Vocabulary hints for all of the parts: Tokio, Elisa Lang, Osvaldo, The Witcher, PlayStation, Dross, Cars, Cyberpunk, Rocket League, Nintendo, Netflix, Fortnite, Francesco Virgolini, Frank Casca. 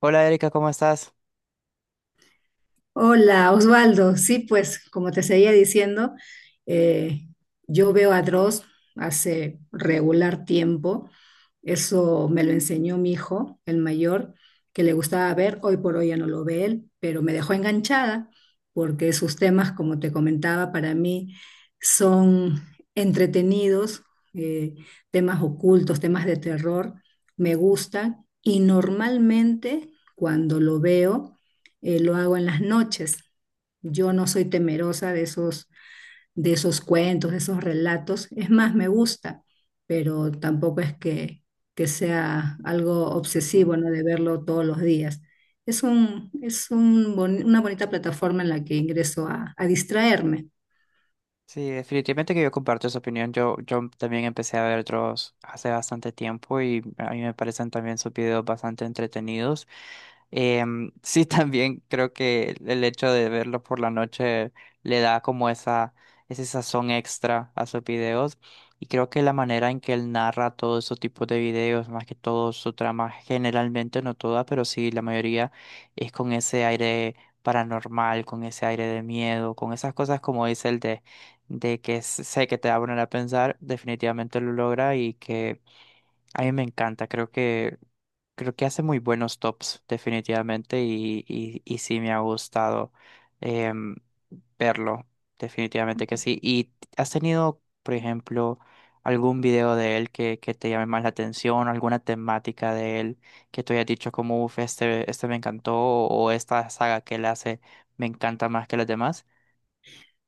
Hola Erika, ¿cómo estás? Hola, Osvaldo. Sí, pues como te seguía diciendo, eh, yo veo a Dross hace regular tiempo. Eso me lo enseñó mi hijo, el mayor, que le gustaba ver. Hoy por hoy ya no lo ve él, pero me dejó enganchada porque sus temas, como te comentaba, para mí son entretenidos, eh, temas ocultos, temas de terror. Me gustan y normalmente cuando lo veo lo hago en las noches. Yo no soy temerosa de esos, cuentos, de esos relatos. Es más, me gusta, pero tampoco es que sea algo Ujú. obsesivo, ¿no? De verlo todos los días. Una bonita plataforma en la que ingreso a distraerme. Sí, definitivamente que yo comparto esa opinión. Yo también empecé a ver otros hace bastante tiempo y a mí me parecen también sus videos bastante entretenidos. Sí, también creo que el hecho de verlo por la noche le da como ese sazón extra a sus videos. Y creo que la manera en que él narra todos esos tipos de videos, más que todo su trama, generalmente, no toda, pero sí la mayoría, es con ese aire paranormal, con ese aire de miedo, con esas cosas como dice de que sé que te va a poner a pensar, definitivamente lo logra y que a mí me encanta. Creo que hace muy buenos tops, definitivamente, y sí me ha gustado em, verlo, definitivamente que sí. ¿Y has tenido, por ejemplo, algún video de él que te llame más la atención, alguna temática de él que tú hayas dicho como, uff, este me encantó, o esta saga que él hace me encanta más que las demás?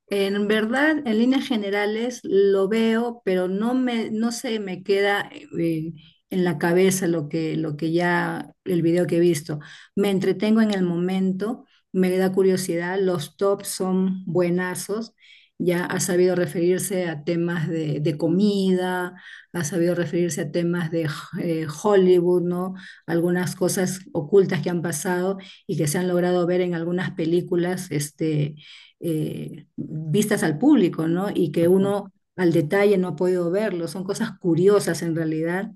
En verdad, en líneas generales lo veo, pero no se me queda eh, en la cabeza lo que ya, el video que he visto. Me entretengo en el momento, me da curiosidad, los tops son buenazos, ya ha sabido referirse a temas de comida, ha sabido referirse a temas de Hollywood, ¿no? Algunas cosas ocultas que han pasado y que se han logrado ver en algunas películas, vistas al público, ¿no? Y que Ujú. uno al detalle no ha podido verlo. Son cosas curiosas en realidad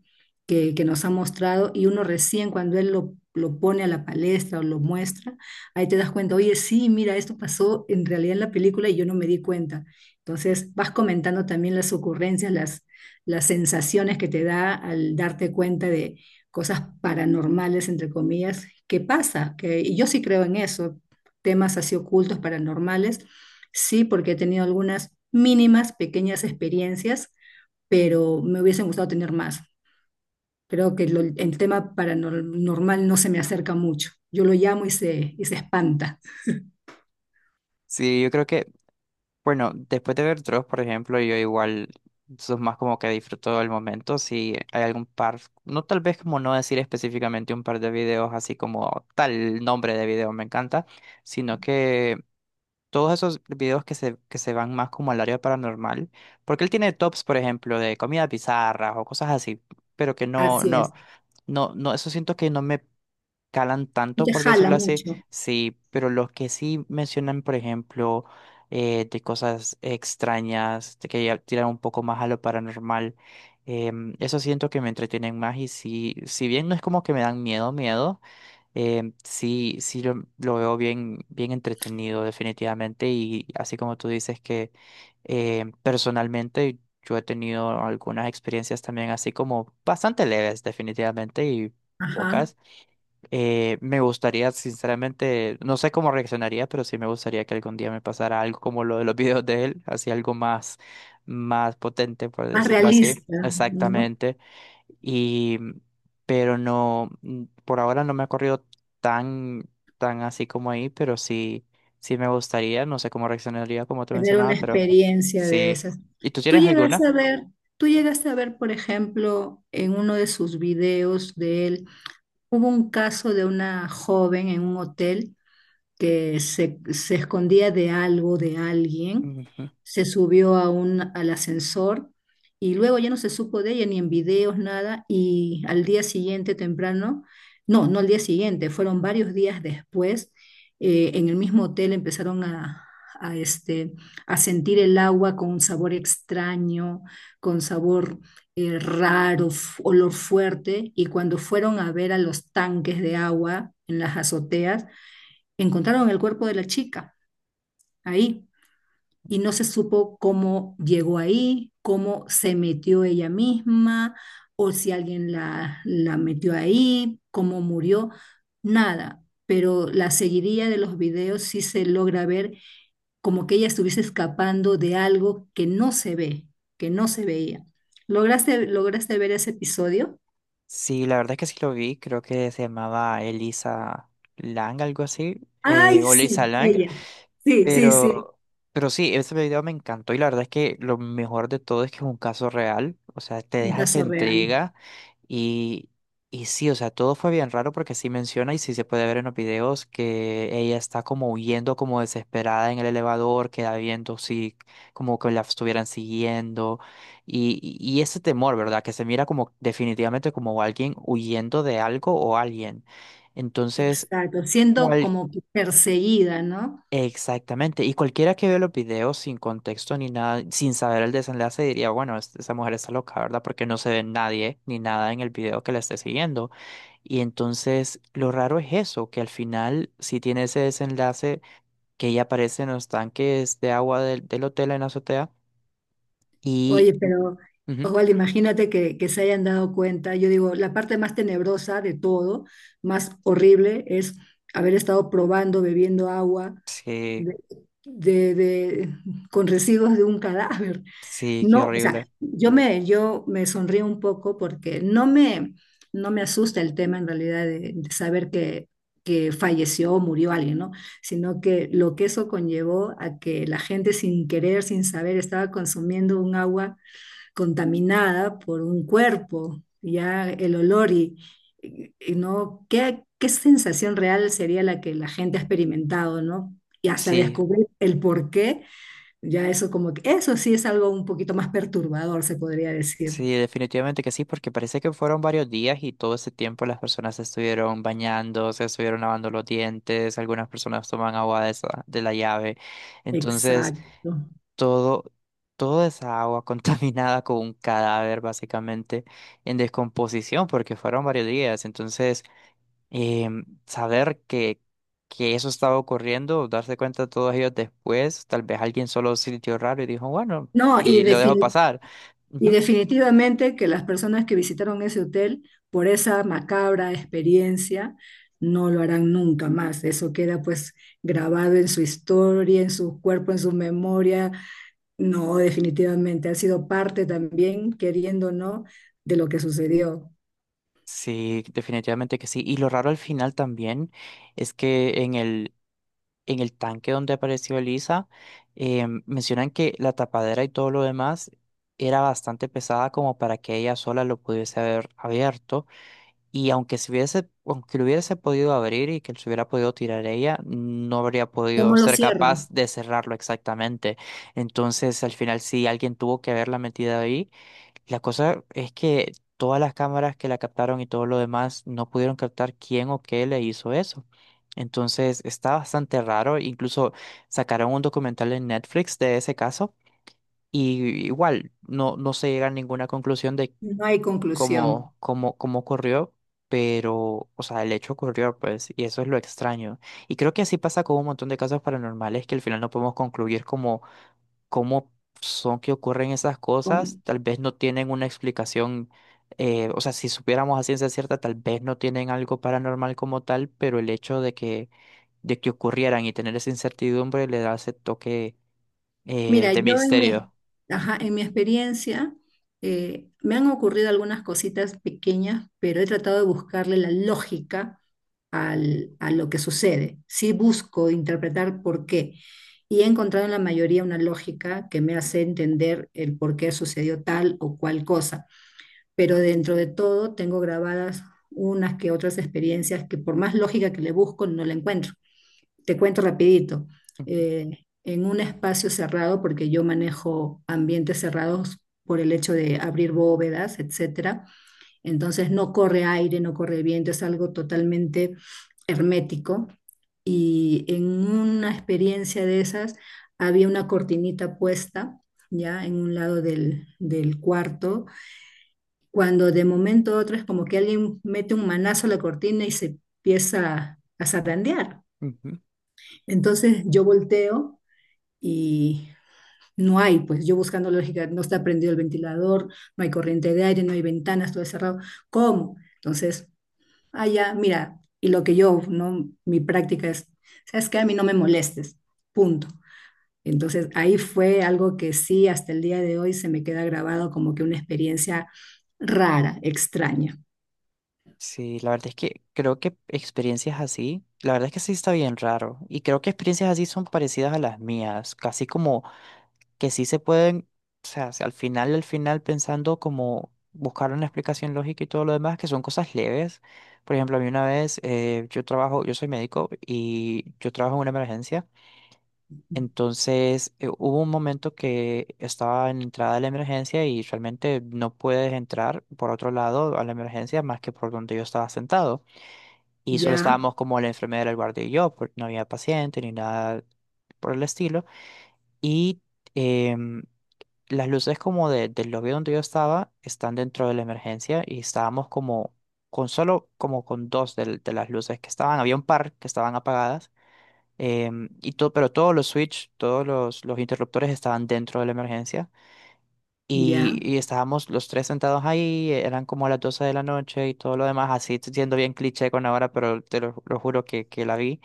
que nos ha mostrado y uno recién cuando él lo pone a la palestra o lo muestra, ahí te das cuenta, oye, sí, mira, esto pasó en realidad en la película y yo no me di cuenta. Entonces vas comentando también las ocurrencias, las sensaciones que te da al darte cuenta de cosas paranormales, entre comillas, que pasa, que y yo sí creo en eso, temas así ocultos, paranormales. Sí, porque he tenido algunas mínimas, pequeñas experiencias, pero me hubiesen gustado tener más. Creo que el tema paranormal no se me acerca mucho. Yo lo llamo y se espanta. Sí, yo creo que Bueno, después de ver Dross, por ejemplo, yo igual, eso es más como que disfruto del momento. Si hay algún par, no tal vez como no decir específicamente un par de videos así como tal nombre de video me encanta, sino que todos esos videos que se van más como al área paranormal, porque él tiene tops, por ejemplo, de comidas bizarras o cosas así, pero que no, Así es. no, no, no, eso siento que no me calan Y tanto, te por jala decirlo así, mucho. sí, pero los que sí mencionan, por ejemplo, de cosas extrañas, de que ya tiran un poco más a lo paranormal, eso siento que me entretienen más y sí, si bien no es como que me dan miedo, miedo, sí, lo veo bien, bien entretenido definitivamente y así como tú dices que personalmente... Yo he tenido algunas experiencias también así como bastante leves definitivamente y Ajá. pocas, me gustaría, sinceramente, no sé cómo reaccionaría, pero sí me gustaría que algún día me pasara algo como lo de los videos de él, así algo más, más potente, por Más decirlo así. realista, ¿no? Exactamente. Y, pero no, por ahora no me ha corrido tan, tan así como ahí, pero sí, sí me gustaría, no sé cómo reaccionaría, como te Tener una mencionaba, pero experiencia de sí. esas. ¿Y tú Tú tienes llegaste alguna? a ver, tú llegaste a ver, por ejemplo, en uno de sus videos de él, hubo un caso de una joven en un hotel que se escondía de algo, de alguien, Ujú. se subió al ascensor y luego ya no se supo de ella ni en videos, nada, y al día siguiente temprano, no, no al día siguiente, fueron varios días después, en el mismo hotel empezaron a, este, a sentir el agua con un sabor extraño, con sabor raro, olor fuerte, y cuando fueron a ver a los tanques de agua en las azoteas, encontraron el cuerpo de la chica ahí y no se supo cómo llegó ahí, cómo se metió ella misma o si alguien la metió ahí, cómo murió, nada. Pero la seguiría de los videos sí se logra ver como que ella estuviese escapando de algo que no se ve, que no se veía. ¿Lograste ver ese episodio? Sí, la verdad es que sí lo vi, creo que se llamaba Elisa Lang, algo así, Ay, o Lisa sí, Lang, ella. Sí, sí, sí. pero, pero sí, ese video me encantó y la verdad es que lo mejor de todo es que es un caso real, o sea, te Un deja esa caso real. entrega y, y sí, o sea, todo fue bien raro porque sí menciona y sí se puede ver en los videos que ella está como huyendo como desesperada en el elevador, queda viendo si como que la estuvieran siguiendo y ese temor, ¿verdad? Que se mira como definitivamente como alguien huyendo de algo o alguien. Entonces... Exacto, siendo cual como que perseguida, ¿no? Exactamente, y cualquiera que ve los videos sin contexto ni nada, sin saber el desenlace, diría, bueno, esa mujer está loca, ¿verdad? Porque no se ve nadie ni nada en el video que la esté siguiendo. Y entonces lo raro es eso, que al final si tiene ese desenlace que ella aparece en los tanques de agua del hotel en la azotea y... Oye, pero ujú, Osvaldo, imagínate que, se hayan dado cuenta. Yo digo, la parte más tenebrosa de todo, más horrible, es haber estado probando, bebiendo agua Sí, de, de- de- con residuos de un cadáver. sí, qué No, o sea, horrible. yo me sonrío un poco porque no me asusta el tema en realidad de saber que falleció o murió alguien, ¿no? Sino que lo que eso conllevó a que la gente sin querer, sin saber, estaba consumiendo un agua contaminada por un cuerpo, ya el olor y no, ¿qué sensación real sería la que la gente ha experimentado? ¿No? Y hasta Sí, descubrir el porqué ya eso como que, eso sí es algo un poquito más perturbador, se podría decir. sí, definitivamente que sí, porque parece que fueron varios días y todo ese tiempo las personas se estuvieron bañando, se estuvieron lavando los dientes, algunas personas toman agua de esa, de la llave. Entonces, Exacto. todo, toda esa agua contaminada con un cadáver básicamente en descomposición, porque fueron varios días. Entonces, saber que eso estaba ocurriendo, darse cuenta todos ellos después, tal vez alguien solo sintió raro y dijo, bueno, No, y, y lo dejó defini- pasar. y definitivamente que las personas que visitaron ese hotel por esa macabra experiencia no lo harán nunca más. Eso queda pues grabado en su historia, en su cuerpo, en su memoria. No, definitivamente ha sido parte también, queriendo o no, de lo que sucedió. Sí, definitivamente que sí. Y lo raro al final también es que en el tanque donde apareció Elisa, mencionan que la tapadera y todo lo demás era bastante pesada como para que ella sola lo pudiese haber abierto. Y aunque se hubiese, aunque lo hubiese podido abrir y que se hubiera podido tirar ella, no habría ¿Cómo podido lo ser cierra? capaz de cerrarlo exactamente. Entonces, al final sí, alguien tuvo que haberla metido ahí. La cosa es que todas las cámaras que la captaron y todo lo demás no pudieron captar quién o qué le hizo eso. Entonces está bastante raro. Incluso sacaron un documental en Netflix de ese caso y igual no, no se llega a ninguna conclusión de No hay conclusión. Cómo ocurrió, pero, o sea, el hecho ocurrió, pues, y eso es lo extraño. Y creo que así pasa con un montón de casos paranormales que al final no podemos concluir como cómo son que ocurren esas cosas, tal vez no tienen una explicación, o sea, si supiéramos a ciencia cierta, tal vez no tienen algo paranormal como tal, pero el hecho de de que ocurrieran y tener esa incertidumbre le da ese toque Mira, de yo en mi, misterio. ajá, en mi experiencia me han ocurrido algunas cositas pequeñas, pero he tratado de buscarle la lógica Ujú, a lo que sucede. Sí busco interpretar por qué y he encontrado en la mayoría una lógica que me hace entender el por qué sucedió tal o cual cosa. Pero dentro de todo tengo grabadas unas que otras experiencias que por más lógica que le busco no la encuentro. Te cuento rapidito. ujú, En un espacio cerrado, porque yo manejo ambientes cerrados por el hecho de abrir bóvedas, etcétera. Entonces no corre aire, no corre viento, es algo totalmente hermético. Y en una experiencia de esas había una cortinita puesta ya en un lado del cuarto, cuando de momento a otro es como que alguien mete un manazo a la cortina y se empieza a zarandear. ujú. Entonces yo volteo y no hay, pues yo buscando lógica, no está prendido el ventilador, no hay corriente de aire, no hay ventanas, todo es cerrado. ¿Cómo? Entonces, allá, mira, y lo que yo, no, mi práctica es, sabes que a mí no me molestes, punto. Entonces, ahí fue algo que sí, hasta el día de hoy se me queda grabado como que una experiencia rara, extraña. Sí, la verdad es que creo que experiencias así, la verdad es que sí está bien raro, y creo que experiencias así son parecidas a las mías, casi como que sí se pueden, o sea, si al final, al final pensando como buscar una explicación lógica y todo lo demás, que son cosas leves. Por ejemplo, a mí una vez, yo trabajo, yo soy médico y yo trabajo en una emergencia. Entonces, hubo un momento que estaba en la entrada de la emergencia y realmente no puedes entrar por otro lado a la emergencia más que por donde yo estaba sentado. Y solo Ya, estábamos como la enfermera, el guardia y yo, porque no había paciente ni nada por el estilo. Y... em, las luces como del lobby donde yo estaba están dentro de la emergencia y estábamos como con solo como con dos las luces que estaban. Había un par que estaban apagadas, y todo, pero todos los switch, todos los interruptores estaban dentro de la emergencia. Ya, Y estábamos los tres sentados ahí, eran como las 12 de la noche y todo lo demás, así siendo bien cliché con ahora, pero te lo juro que la vi.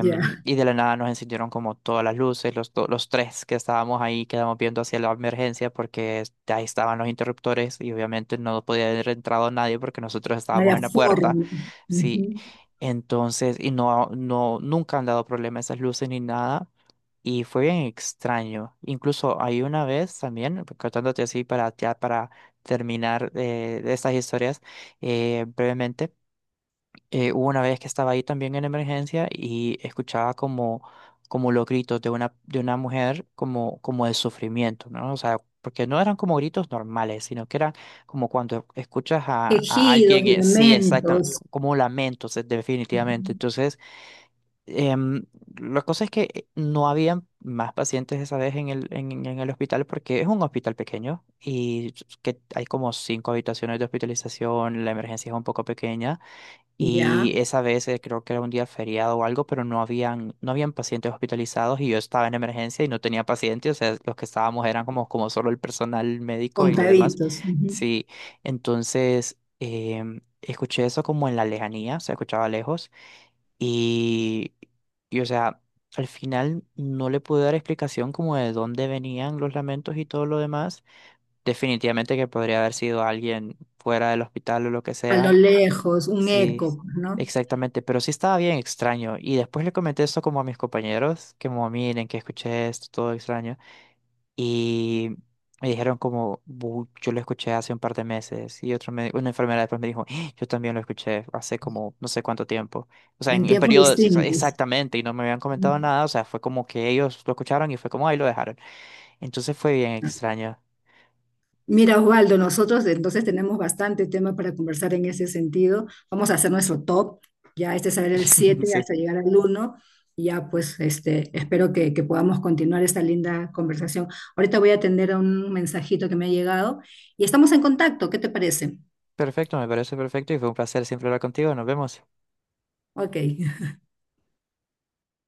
ya. y de la nada nos encendieron como todas las luces, los tres que estábamos ahí, quedamos viendo hacia la emergencia porque ahí estaban los interruptores y obviamente no podía haber entrado nadie porque nosotros No había estábamos en la puerta. forma. Sí, Ujú. entonces, no, nunca han dado problema esas luces ni nada. Y fue bien extraño. Incluso hay una vez también, contándote así para, ya para terminar de estas historias brevemente, hubo una vez que estaba ahí también en emergencia y escuchaba como, como los gritos de una mujer como, como de sufrimiento, ¿no? O sea, porque no eran como gritos normales, sino que eran como cuando escuchas a Quejidos, alguien, sí, exactamente, lamentos. como lamentos, definitivamente. Ujú. Entonces... Em, la cosa es que no había más pacientes esa vez en el hospital porque es un hospital pequeño y que hay como cinco habitaciones de hospitalización, la emergencia es un poco pequeña y Ya. esa vez, creo que era un día feriado o algo, pero no habían pacientes hospitalizados y yo estaba en emergencia y no tenía pacientes, o sea, los que estábamos eran como, como solo el personal médico y los demás. Contaditos, ujú. Sí, entonces... escuché eso como en la lejanía, se escuchaba lejos y, y, o sea, al final no le pude dar explicación como de dónde venían los lamentos y todo lo demás. Definitivamente que podría haber sido alguien fuera del hospital o lo que A lo sea. lejos, un Sí, eco, pues, ¿no? exactamente. Pero sí estaba bien extraño. Y después le comenté esto como a mis compañeros, que como miren, que escuché esto, todo extraño. Y me dijeron como, "Bu, yo lo escuché hace un par de meses". Y otro una enfermera después me dijo, "Ah, yo también lo escuché hace como no sé cuánto tiempo". O sea, En en tiempos periodos distintos. exactamente, y no me habían comentado nada. O sea, fue como que ellos lo escucharon y fue como, ahí lo dejaron. Entonces fue bien extraño. Mira, Osvaldo, nosotros entonces tenemos bastante tema para conversar en ese sentido. Vamos a hacer nuestro top, ya este será el siete Sí, hasta llegar al uno. Y ya, pues, espero que podamos continuar esta linda conversación. Ahorita voy a atender a un mensajito que me ha llegado y estamos en contacto. ¿Qué te parece? perfecto, me parece perfecto y fue un placer siempre hablar contigo. Nos vemos. Ok.